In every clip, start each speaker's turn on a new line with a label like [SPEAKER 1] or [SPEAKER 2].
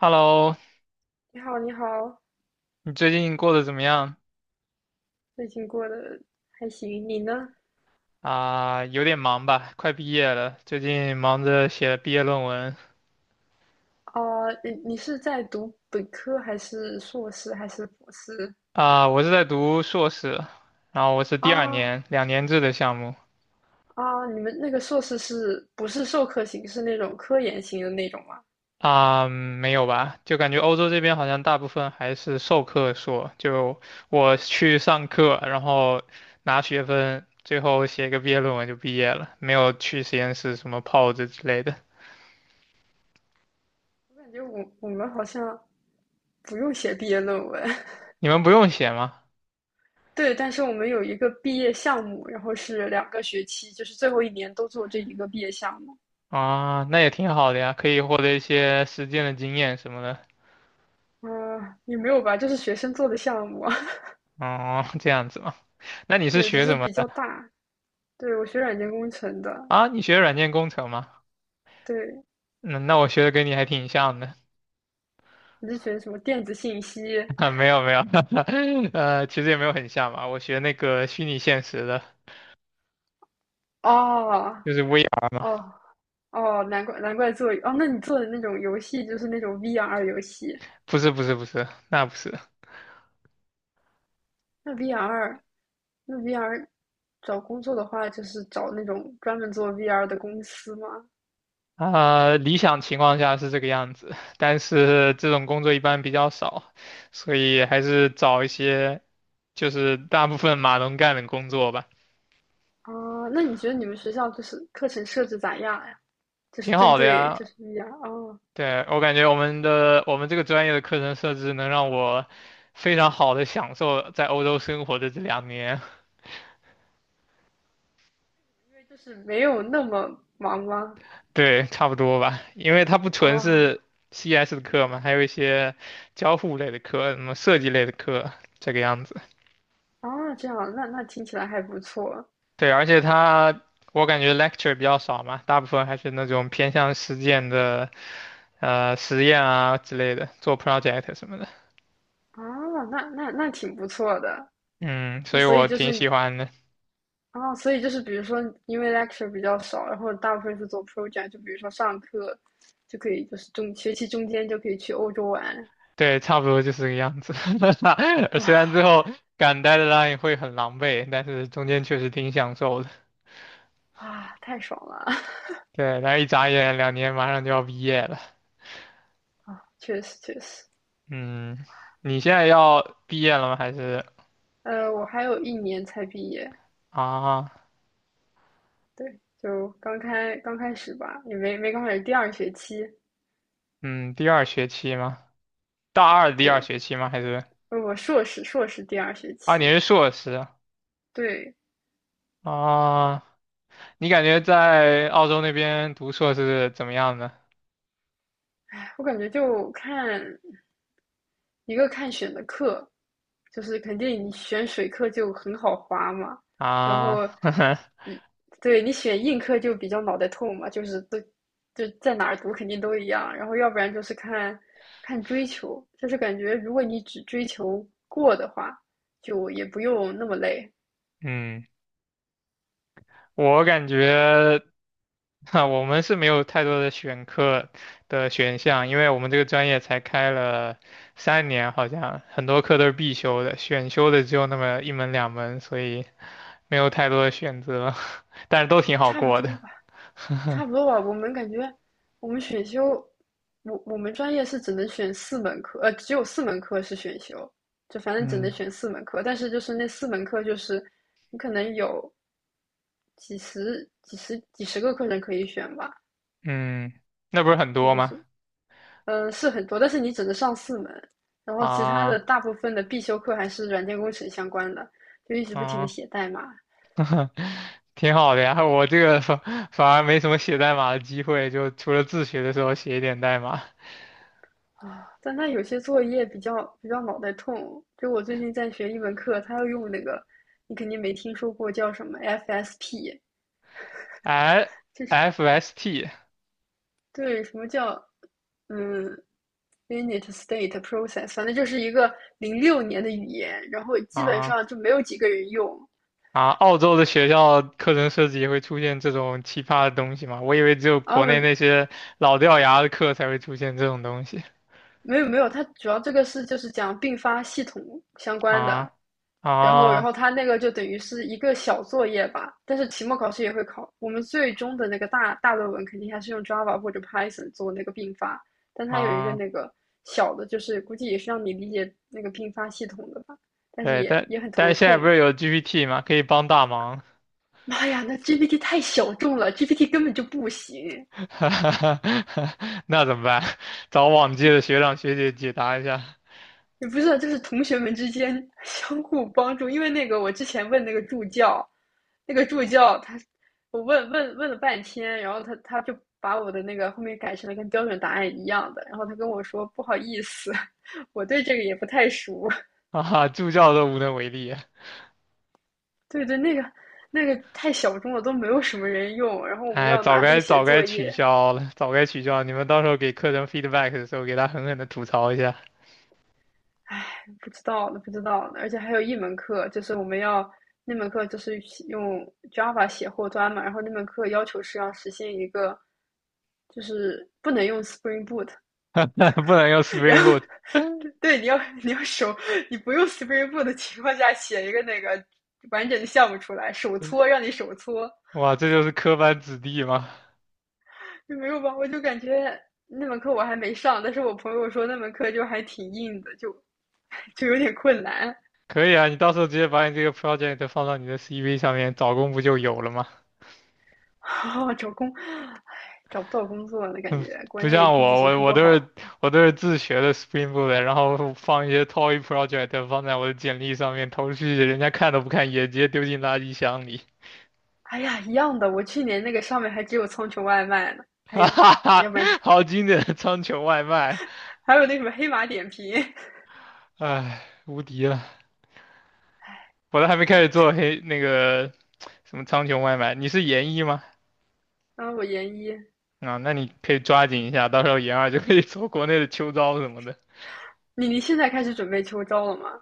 [SPEAKER 1] Hello，
[SPEAKER 2] 你好，你好，
[SPEAKER 1] 你最近过得怎么样？
[SPEAKER 2] 最近过得还行，你呢？
[SPEAKER 1] 有点忙吧，快毕业了，最近忙着写毕业论文。
[SPEAKER 2] 啊、你是在读本科还是硕士还是博士？
[SPEAKER 1] 我是在读硕士，然后我是
[SPEAKER 2] 啊
[SPEAKER 1] 第二年，两年制的项目。
[SPEAKER 2] 啊，你们那个硕士是不是授课型，是那种科研型的那种吗？
[SPEAKER 1] 没有吧？就感觉欧洲这边好像大部分还是授课硕，就我去上课，然后拿学分，最后写个毕业论文就毕业了，没有去实验室什么泡着之类的。
[SPEAKER 2] 我感觉我们好像不用写毕业论文，
[SPEAKER 1] 你们不用写吗？
[SPEAKER 2] 对，但是我们有一个毕业项目，然后是2个学期，就是最后一年都做这一个毕业项目。
[SPEAKER 1] 啊，那也挺好的呀，可以获得一些实践的经验什么的。
[SPEAKER 2] 嗯、也没有吧，就是学生做的项目啊，
[SPEAKER 1] 哦，这样子嘛。那你是
[SPEAKER 2] 对，只
[SPEAKER 1] 学什
[SPEAKER 2] 是
[SPEAKER 1] 么
[SPEAKER 2] 比
[SPEAKER 1] 的
[SPEAKER 2] 较大。对，我学软件工程的，
[SPEAKER 1] 啊？你学软件工程吗？
[SPEAKER 2] 对，
[SPEAKER 1] 嗯，那我学的跟你还挺像的。
[SPEAKER 2] 你是学什么电子信息？
[SPEAKER 1] 啊，没有没有，其实也没有很像吧。我学那个虚拟现实的，
[SPEAKER 2] 哦
[SPEAKER 1] 就是 VR 嘛。
[SPEAKER 2] 哦哦，难怪难怪做哦，那你做的那种游戏就是那种 VR 游戏，
[SPEAKER 1] 不是不是不是，那不是。
[SPEAKER 2] 那 VR 那 VR 找工作的话，就是找那种专门做 VR 的公司吗？
[SPEAKER 1] 理想情况下是这个样子，但是这种工作一般比较少，所以还是找一些就是大部分码农干的工作吧。
[SPEAKER 2] 啊，那你觉得你们学校就是课程设置咋样呀？就是
[SPEAKER 1] 挺
[SPEAKER 2] 针
[SPEAKER 1] 好的
[SPEAKER 2] 对
[SPEAKER 1] 呀，
[SPEAKER 2] 就是 VR 哦，
[SPEAKER 1] 对，我感觉我们这个专业的课程设置能让我非常好的享受在欧洲生活的这两年。
[SPEAKER 2] 因为就是没有那么忙吗？
[SPEAKER 1] 对，差不多吧，因为它不纯
[SPEAKER 2] 啊
[SPEAKER 1] 是 CS 的课嘛，还有一些交互类的课，什么设计类的课，这个样子。
[SPEAKER 2] 啊，这样，那听起来还不错
[SPEAKER 1] 对，而且它我感觉 lecture 比较少嘛，大部分还是那种偏向实践的，实验啊之类的，做 project 什么的。
[SPEAKER 2] 啊，那挺不错的。
[SPEAKER 1] 嗯，
[SPEAKER 2] 那
[SPEAKER 1] 所以
[SPEAKER 2] 所以
[SPEAKER 1] 我
[SPEAKER 2] 就
[SPEAKER 1] 挺
[SPEAKER 2] 是
[SPEAKER 1] 喜欢的。
[SPEAKER 2] 啊，所以就是比如说，因为 lecture 比较少，然后大部分是做 project，就比如说上课就可以，就是中学期中间就可以去欧洲玩，
[SPEAKER 1] 对，差不多就是这个样子。虽
[SPEAKER 2] 哇
[SPEAKER 1] 然最后赶 deadline 会很狼狈，但是中间确实挺享受的。
[SPEAKER 2] 哇，太爽了
[SPEAKER 1] 对，然后一眨眼两年马上就要毕业了。
[SPEAKER 2] 啊！确实确实，
[SPEAKER 1] 嗯，你现在要毕业了吗？还是
[SPEAKER 2] 我还有一年才毕业，
[SPEAKER 1] 啊？
[SPEAKER 2] 对，就刚开始吧，也没刚开始，第二学期，
[SPEAKER 1] 嗯，第二学期吗？大二的第二
[SPEAKER 2] 对，
[SPEAKER 1] 学期吗？还是
[SPEAKER 2] 我硕士第二学
[SPEAKER 1] 啊？
[SPEAKER 2] 期，
[SPEAKER 1] 你是硕士啊？
[SPEAKER 2] 对，
[SPEAKER 1] 啊你感觉在澳洲那边读硕士怎么样呢？
[SPEAKER 2] 哎我感觉就看一个看选的课，就是肯定你选水课就很好划嘛，然后
[SPEAKER 1] 啊，
[SPEAKER 2] 你对你选硬课就比较脑袋痛嘛，就是都就在哪儿读肯定都一样，然后要不然就是看看追求，就是感觉如果你只追求过的话，就也不用那么累，
[SPEAKER 1] 嗯，我感觉。哈，我们是没有太多的选课的选项，因为我们这个专业才开了三年，好像很多课都是必修的，选修的只有那么一门两门，所以没有太多的选择，但是都挺好
[SPEAKER 2] 差不
[SPEAKER 1] 过
[SPEAKER 2] 多
[SPEAKER 1] 的。
[SPEAKER 2] 吧。差不多吧。我们感觉我们选修，我们专业是只能选四门课，只有四门课是选修，就反正只能
[SPEAKER 1] 嗯
[SPEAKER 2] 选四门课。但是就是那4门课，就是你可能有几十、几十、几十个课程可以选吧，
[SPEAKER 1] 嗯，那不是很
[SPEAKER 2] 就
[SPEAKER 1] 多
[SPEAKER 2] 是
[SPEAKER 1] 吗？
[SPEAKER 2] 是，是很多，但是你只能上四门。然后其他的
[SPEAKER 1] 啊，
[SPEAKER 2] 大部分的必修课还是软件工程相关的，就一直不停的
[SPEAKER 1] 嗯，
[SPEAKER 2] 写代码，
[SPEAKER 1] 挺好的呀。我这个反而没什么写代码的机会，就除了自学的时候写一点代码。
[SPEAKER 2] 啊，但他有些作业比较脑袋痛。就我最近在学一门课，他要用那个，你肯定没听说过叫什么 FSP，
[SPEAKER 1] L
[SPEAKER 2] 就是
[SPEAKER 1] F S T
[SPEAKER 2] 对什么叫嗯 init state process，反正就是一个06年的语言，然后基本
[SPEAKER 1] 啊
[SPEAKER 2] 上就没有几个人用。
[SPEAKER 1] 啊，澳洲的学校课程设计也会出现这种奇葩的东西吗？我以为只有
[SPEAKER 2] 然
[SPEAKER 1] 国内
[SPEAKER 2] 后
[SPEAKER 1] 那些老掉牙的课才会出现这种东西
[SPEAKER 2] 没有没有，它主要这个是就是讲并发系统相关的，
[SPEAKER 1] 啊
[SPEAKER 2] 然后
[SPEAKER 1] 啊
[SPEAKER 2] 它那个就等于是一个小作业吧，但是期末考试也会考。我们最终的那个大论文肯定还是用 Java 或者 Python 做那个并发，但它有一个
[SPEAKER 1] 啊！
[SPEAKER 2] 那个小的，就是估计也是让你理解那个并发系统的吧，但是
[SPEAKER 1] 对，
[SPEAKER 2] 也
[SPEAKER 1] 但
[SPEAKER 2] 很
[SPEAKER 1] 但
[SPEAKER 2] 头
[SPEAKER 1] 是现在不
[SPEAKER 2] 痛。
[SPEAKER 1] 是有 GPT 吗？可以帮大忙，
[SPEAKER 2] 妈呀，那 GPT 太小众了，GPT 根本就不行。
[SPEAKER 1] 那怎么办？找往届的学长学姐解答一下
[SPEAKER 2] 也不是，就是同学们之间 相互帮助。因为那个我之前问那个助教，那个助教他，我问了半天，然后他就把我的那个后面改成了跟标准答案一样的，然后他跟我说不好意思，我对这个也不太熟。
[SPEAKER 1] 啊哈，助教都无能为力啊。
[SPEAKER 2] 对对，那个太小众了，都没有什么人用。然后我们
[SPEAKER 1] 哎，
[SPEAKER 2] 要
[SPEAKER 1] 早
[SPEAKER 2] 拿这
[SPEAKER 1] 该
[SPEAKER 2] 个写
[SPEAKER 1] 早该
[SPEAKER 2] 作
[SPEAKER 1] 取
[SPEAKER 2] 业，
[SPEAKER 1] 消了，早该取消！你们到时候给课程 feedback 的时候，给他狠狠的吐槽一下，
[SPEAKER 2] 唉，不知道呢，不知道呢，而且还有一门课，就是我们要那门课就是用 Java 写后端嘛，然后那门课要求是要实现一个，就是不能用 Spring Boot，
[SPEAKER 1] 不能用
[SPEAKER 2] 然
[SPEAKER 1] Spring
[SPEAKER 2] 后
[SPEAKER 1] Boot。
[SPEAKER 2] 对对，你要你不用 Spring Boot 的情况下写一个那个完整的项目出来，手搓让你手搓，
[SPEAKER 1] 哇，这就是科班子弟吗？
[SPEAKER 2] 就没有吧？我就感觉那门课我还没上，但是我朋友说那门课就还挺硬的，就有点困难。
[SPEAKER 1] 可以啊，你到时候直接把你这个 project 放到你的 CV 上面，找工不就有了吗？
[SPEAKER 2] 哦，找工，唉，找不到工作了，感
[SPEAKER 1] 嗯，
[SPEAKER 2] 觉国
[SPEAKER 1] 不
[SPEAKER 2] 内
[SPEAKER 1] 像
[SPEAKER 2] 经济
[SPEAKER 1] 我，
[SPEAKER 2] 形
[SPEAKER 1] 我
[SPEAKER 2] 势
[SPEAKER 1] 我
[SPEAKER 2] 不
[SPEAKER 1] 都
[SPEAKER 2] 好。
[SPEAKER 1] 是我都是自学的 Spring Boot，的然后放一些 toy project 放在我的简历上面投出去，人家看都不看，也直接丢进垃圾箱里。
[SPEAKER 2] 哎呀，一样的，我去年那个上面还只有苍穹外卖呢，还
[SPEAKER 1] 哈
[SPEAKER 2] 有，
[SPEAKER 1] 哈哈，
[SPEAKER 2] 要不然就，
[SPEAKER 1] 好经典的苍穹外卖，
[SPEAKER 2] 还有那什么黑马点评。
[SPEAKER 1] 唉，无敌了！我都还没开始做 黑那个什么苍穹外卖，你是研一吗？
[SPEAKER 2] 然后我研一，
[SPEAKER 1] 啊，那你可以抓紧一下，到时候研二就可以做国内的秋招什么的。
[SPEAKER 2] 你现在开始准备秋招了吗？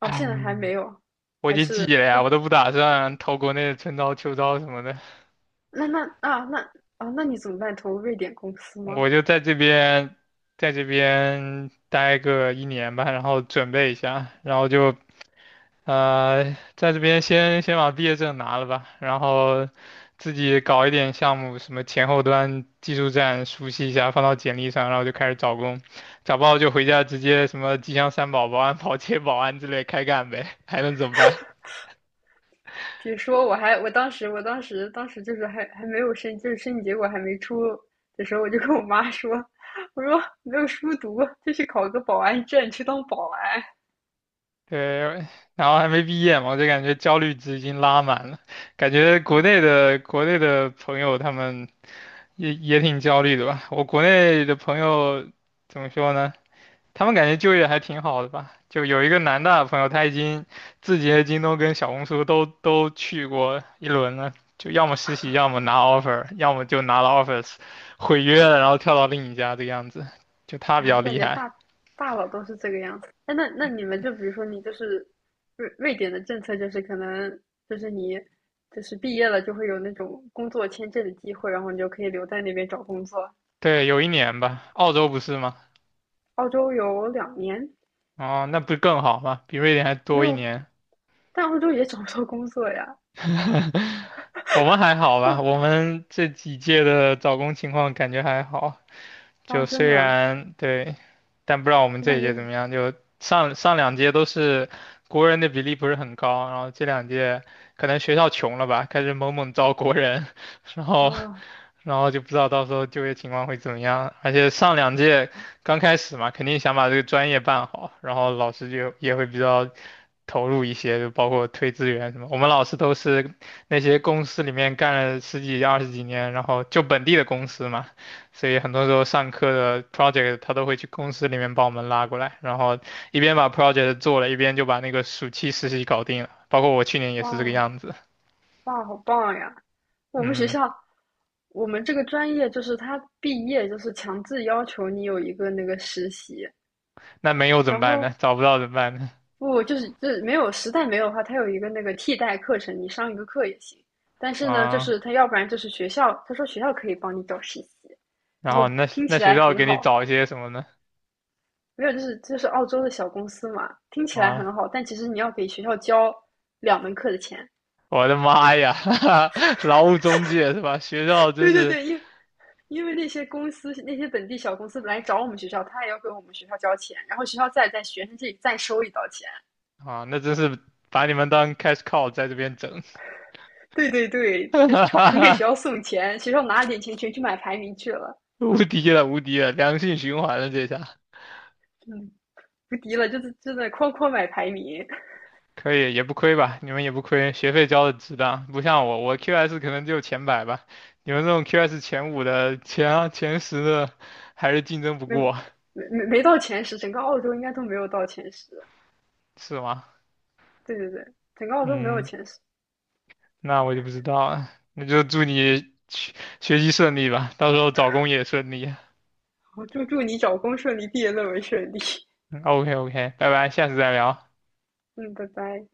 [SPEAKER 2] 哦，
[SPEAKER 1] 哎，
[SPEAKER 2] 现在还 没有，
[SPEAKER 1] 我已
[SPEAKER 2] 还
[SPEAKER 1] 经
[SPEAKER 2] 是
[SPEAKER 1] 寄了
[SPEAKER 2] 哎
[SPEAKER 1] 呀，我都不打算投国内的春招、秋招什么的，
[SPEAKER 2] 那那啊那啊，那你怎么办？投瑞典公司吗？
[SPEAKER 1] 我就在这边，在这边待个一年吧，然后准备一下，然后就呃，在这边先把毕业证拿了吧，然后自己搞一点项目，什么前后端技术栈熟悉一下，放到简历上，然后就开始找工，找不到就回家直接什么吉祥三宝、保安、保洁、保安之类开干呗，还能怎么办？
[SPEAKER 2] 比如说，我还我当时我当时当时就是还没有申，就是申请结果还没出的时候，我就跟我妈说，我说没有书读，就去考个保安证，去当保安
[SPEAKER 1] 对，然后还没毕业嘛，我就感觉焦虑值已经拉满了。感觉国内
[SPEAKER 2] 啊！
[SPEAKER 1] 的国内的朋友他们也挺焦虑的吧？我国内的朋友怎么说呢？他们感觉就业还挺好的吧？就有一个南大的朋友，他已经字节、京东跟小红书都去过一轮了，就要么实习，要么拿 offer，要么就拿了 offers 毁约了，然后跳到另一家这个样子。就他比
[SPEAKER 2] 哎，
[SPEAKER 1] 较
[SPEAKER 2] 我感
[SPEAKER 1] 厉
[SPEAKER 2] 觉
[SPEAKER 1] 害。
[SPEAKER 2] 大佬都是这个样子。哎，那你们就比如说你就是瑞典的政策就是可能就是你就是毕业了就会有那种工作签证的机会，然后你就可以留在那边找工作。
[SPEAKER 1] 对，有一年吧，澳洲不是吗？
[SPEAKER 2] 澳洲有2年
[SPEAKER 1] 哦，那不是更好吗？比瑞典还
[SPEAKER 2] 没
[SPEAKER 1] 多一
[SPEAKER 2] 有，
[SPEAKER 1] 年。
[SPEAKER 2] 但澳洲也找不到工作呀。
[SPEAKER 1] 我们还好吧？
[SPEAKER 2] 哇
[SPEAKER 1] 我们这几届的找工情况感觉还好。就
[SPEAKER 2] 啊，真
[SPEAKER 1] 虽
[SPEAKER 2] 的。
[SPEAKER 1] 然对，但不知道我们
[SPEAKER 2] 我
[SPEAKER 1] 这一
[SPEAKER 2] 感觉，
[SPEAKER 1] 届怎么样。就上两届都是国人的比例不是很高，然后这两届可能学校穷了吧，开始猛猛招国人，然后
[SPEAKER 2] 啊，
[SPEAKER 1] 然后就不知道到时候就业情况会怎么样。而且上两届刚开始嘛，肯定想把这个专业办好，然后老师就也会比较投入一些，就包括推资源什么。我们老师都是那些公司里面干了10几20几年，然后就本地的公司嘛。所以很多时候上课的 project 他都会去公司里面帮我们拉过来，然后一边把 project 做了，一边就把那个暑期实习搞定了。包括我去年也
[SPEAKER 2] 哇
[SPEAKER 1] 是这个样子。
[SPEAKER 2] 哇，好棒呀！我们学
[SPEAKER 1] 嗯，
[SPEAKER 2] 校，我们这个专业就是他毕业就是强制要求你有一个那个实习，
[SPEAKER 1] 那没有怎么
[SPEAKER 2] 然
[SPEAKER 1] 办呢？
[SPEAKER 2] 后
[SPEAKER 1] 找不到怎么办呢？
[SPEAKER 2] 不就是没有实在没有的话，他有一个那个替代课程，你上一个课也行。但是呢，就
[SPEAKER 1] 啊，
[SPEAKER 2] 是他要不然就是学校，他说学校可以帮你找实习，
[SPEAKER 1] 然
[SPEAKER 2] 然
[SPEAKER 1] 后
[SPEAKER 2] 后
[SPEAKER 1] 那
[SPEAKER 2] 听
[SPEAKER 1] 那
[SPEAKER 2] 起
[SPEAKER 1] 学
[SPEAKER 2] 来
[SPEAKER 1] 校
[SPEAKER 2] 很
[SPEAKER 1] 给你
[SPEAKER 2] 好，
[SPEAKER 1] 找一些什么呢？
[SPEAKER 2] 没有就是澳洲的小公司嘛，听起来很
[SPEAKER 1] 啊，
[SPEAKER 2] 好，但其实你要给学校交2门课的钱。
[SPEAKER 1] 我的妈呀，劳务中介是吧？学校真
[SPEAKER 2] 对对
[SPEAKER 1] 是
[SPEAKER 2] 对，因为那些公司、那些本地小公司来找我们学校，他也要给我们学校交钱，然后学校再在学生这里再收一道钱。
[SPEAKER 1] 啊，那真是把你们当 cash cow 在这边整，
[SPEAKER 2] 对对对，就是纯给学 校送钱，学校拿了点钱全去买排名去了，
[SPEAKER 1] 无敌了，无敌了，良性循环了这下。
[SPEAKER 2] 嗯，无敌了，就是就在哐哐买排名，
[SPEAKER 1] 可以，也不亏吧？你们也不亏，学费交的值当，不像我，我 QS 可能就前百吧。你们这种 QS 前五的、前十的，还是竞争不
[SPEAKER 2] 没
[SPEAKER 1] 过，
[SPEAKER 2] 没到前十，整个澳洲应该都没有到前十。
[SPEAKER 1] 是吗？
[SPEAKER 2] 对对对，整个澳洲没有
[SPEAKER 1] 嗯，
[SPEAKER 2] 前十。
[SPEAKER 1] 那我就不知道了。那就祝你学习顺利吧，到时候找工也顺利。
[SPEAKER 2] 好，祝你找工顺利，毕业论文顺利。
[SPEAKER 1] OK OK，拜拜，下次再聊。
[SPEAKER 2] 嗯，拜拜。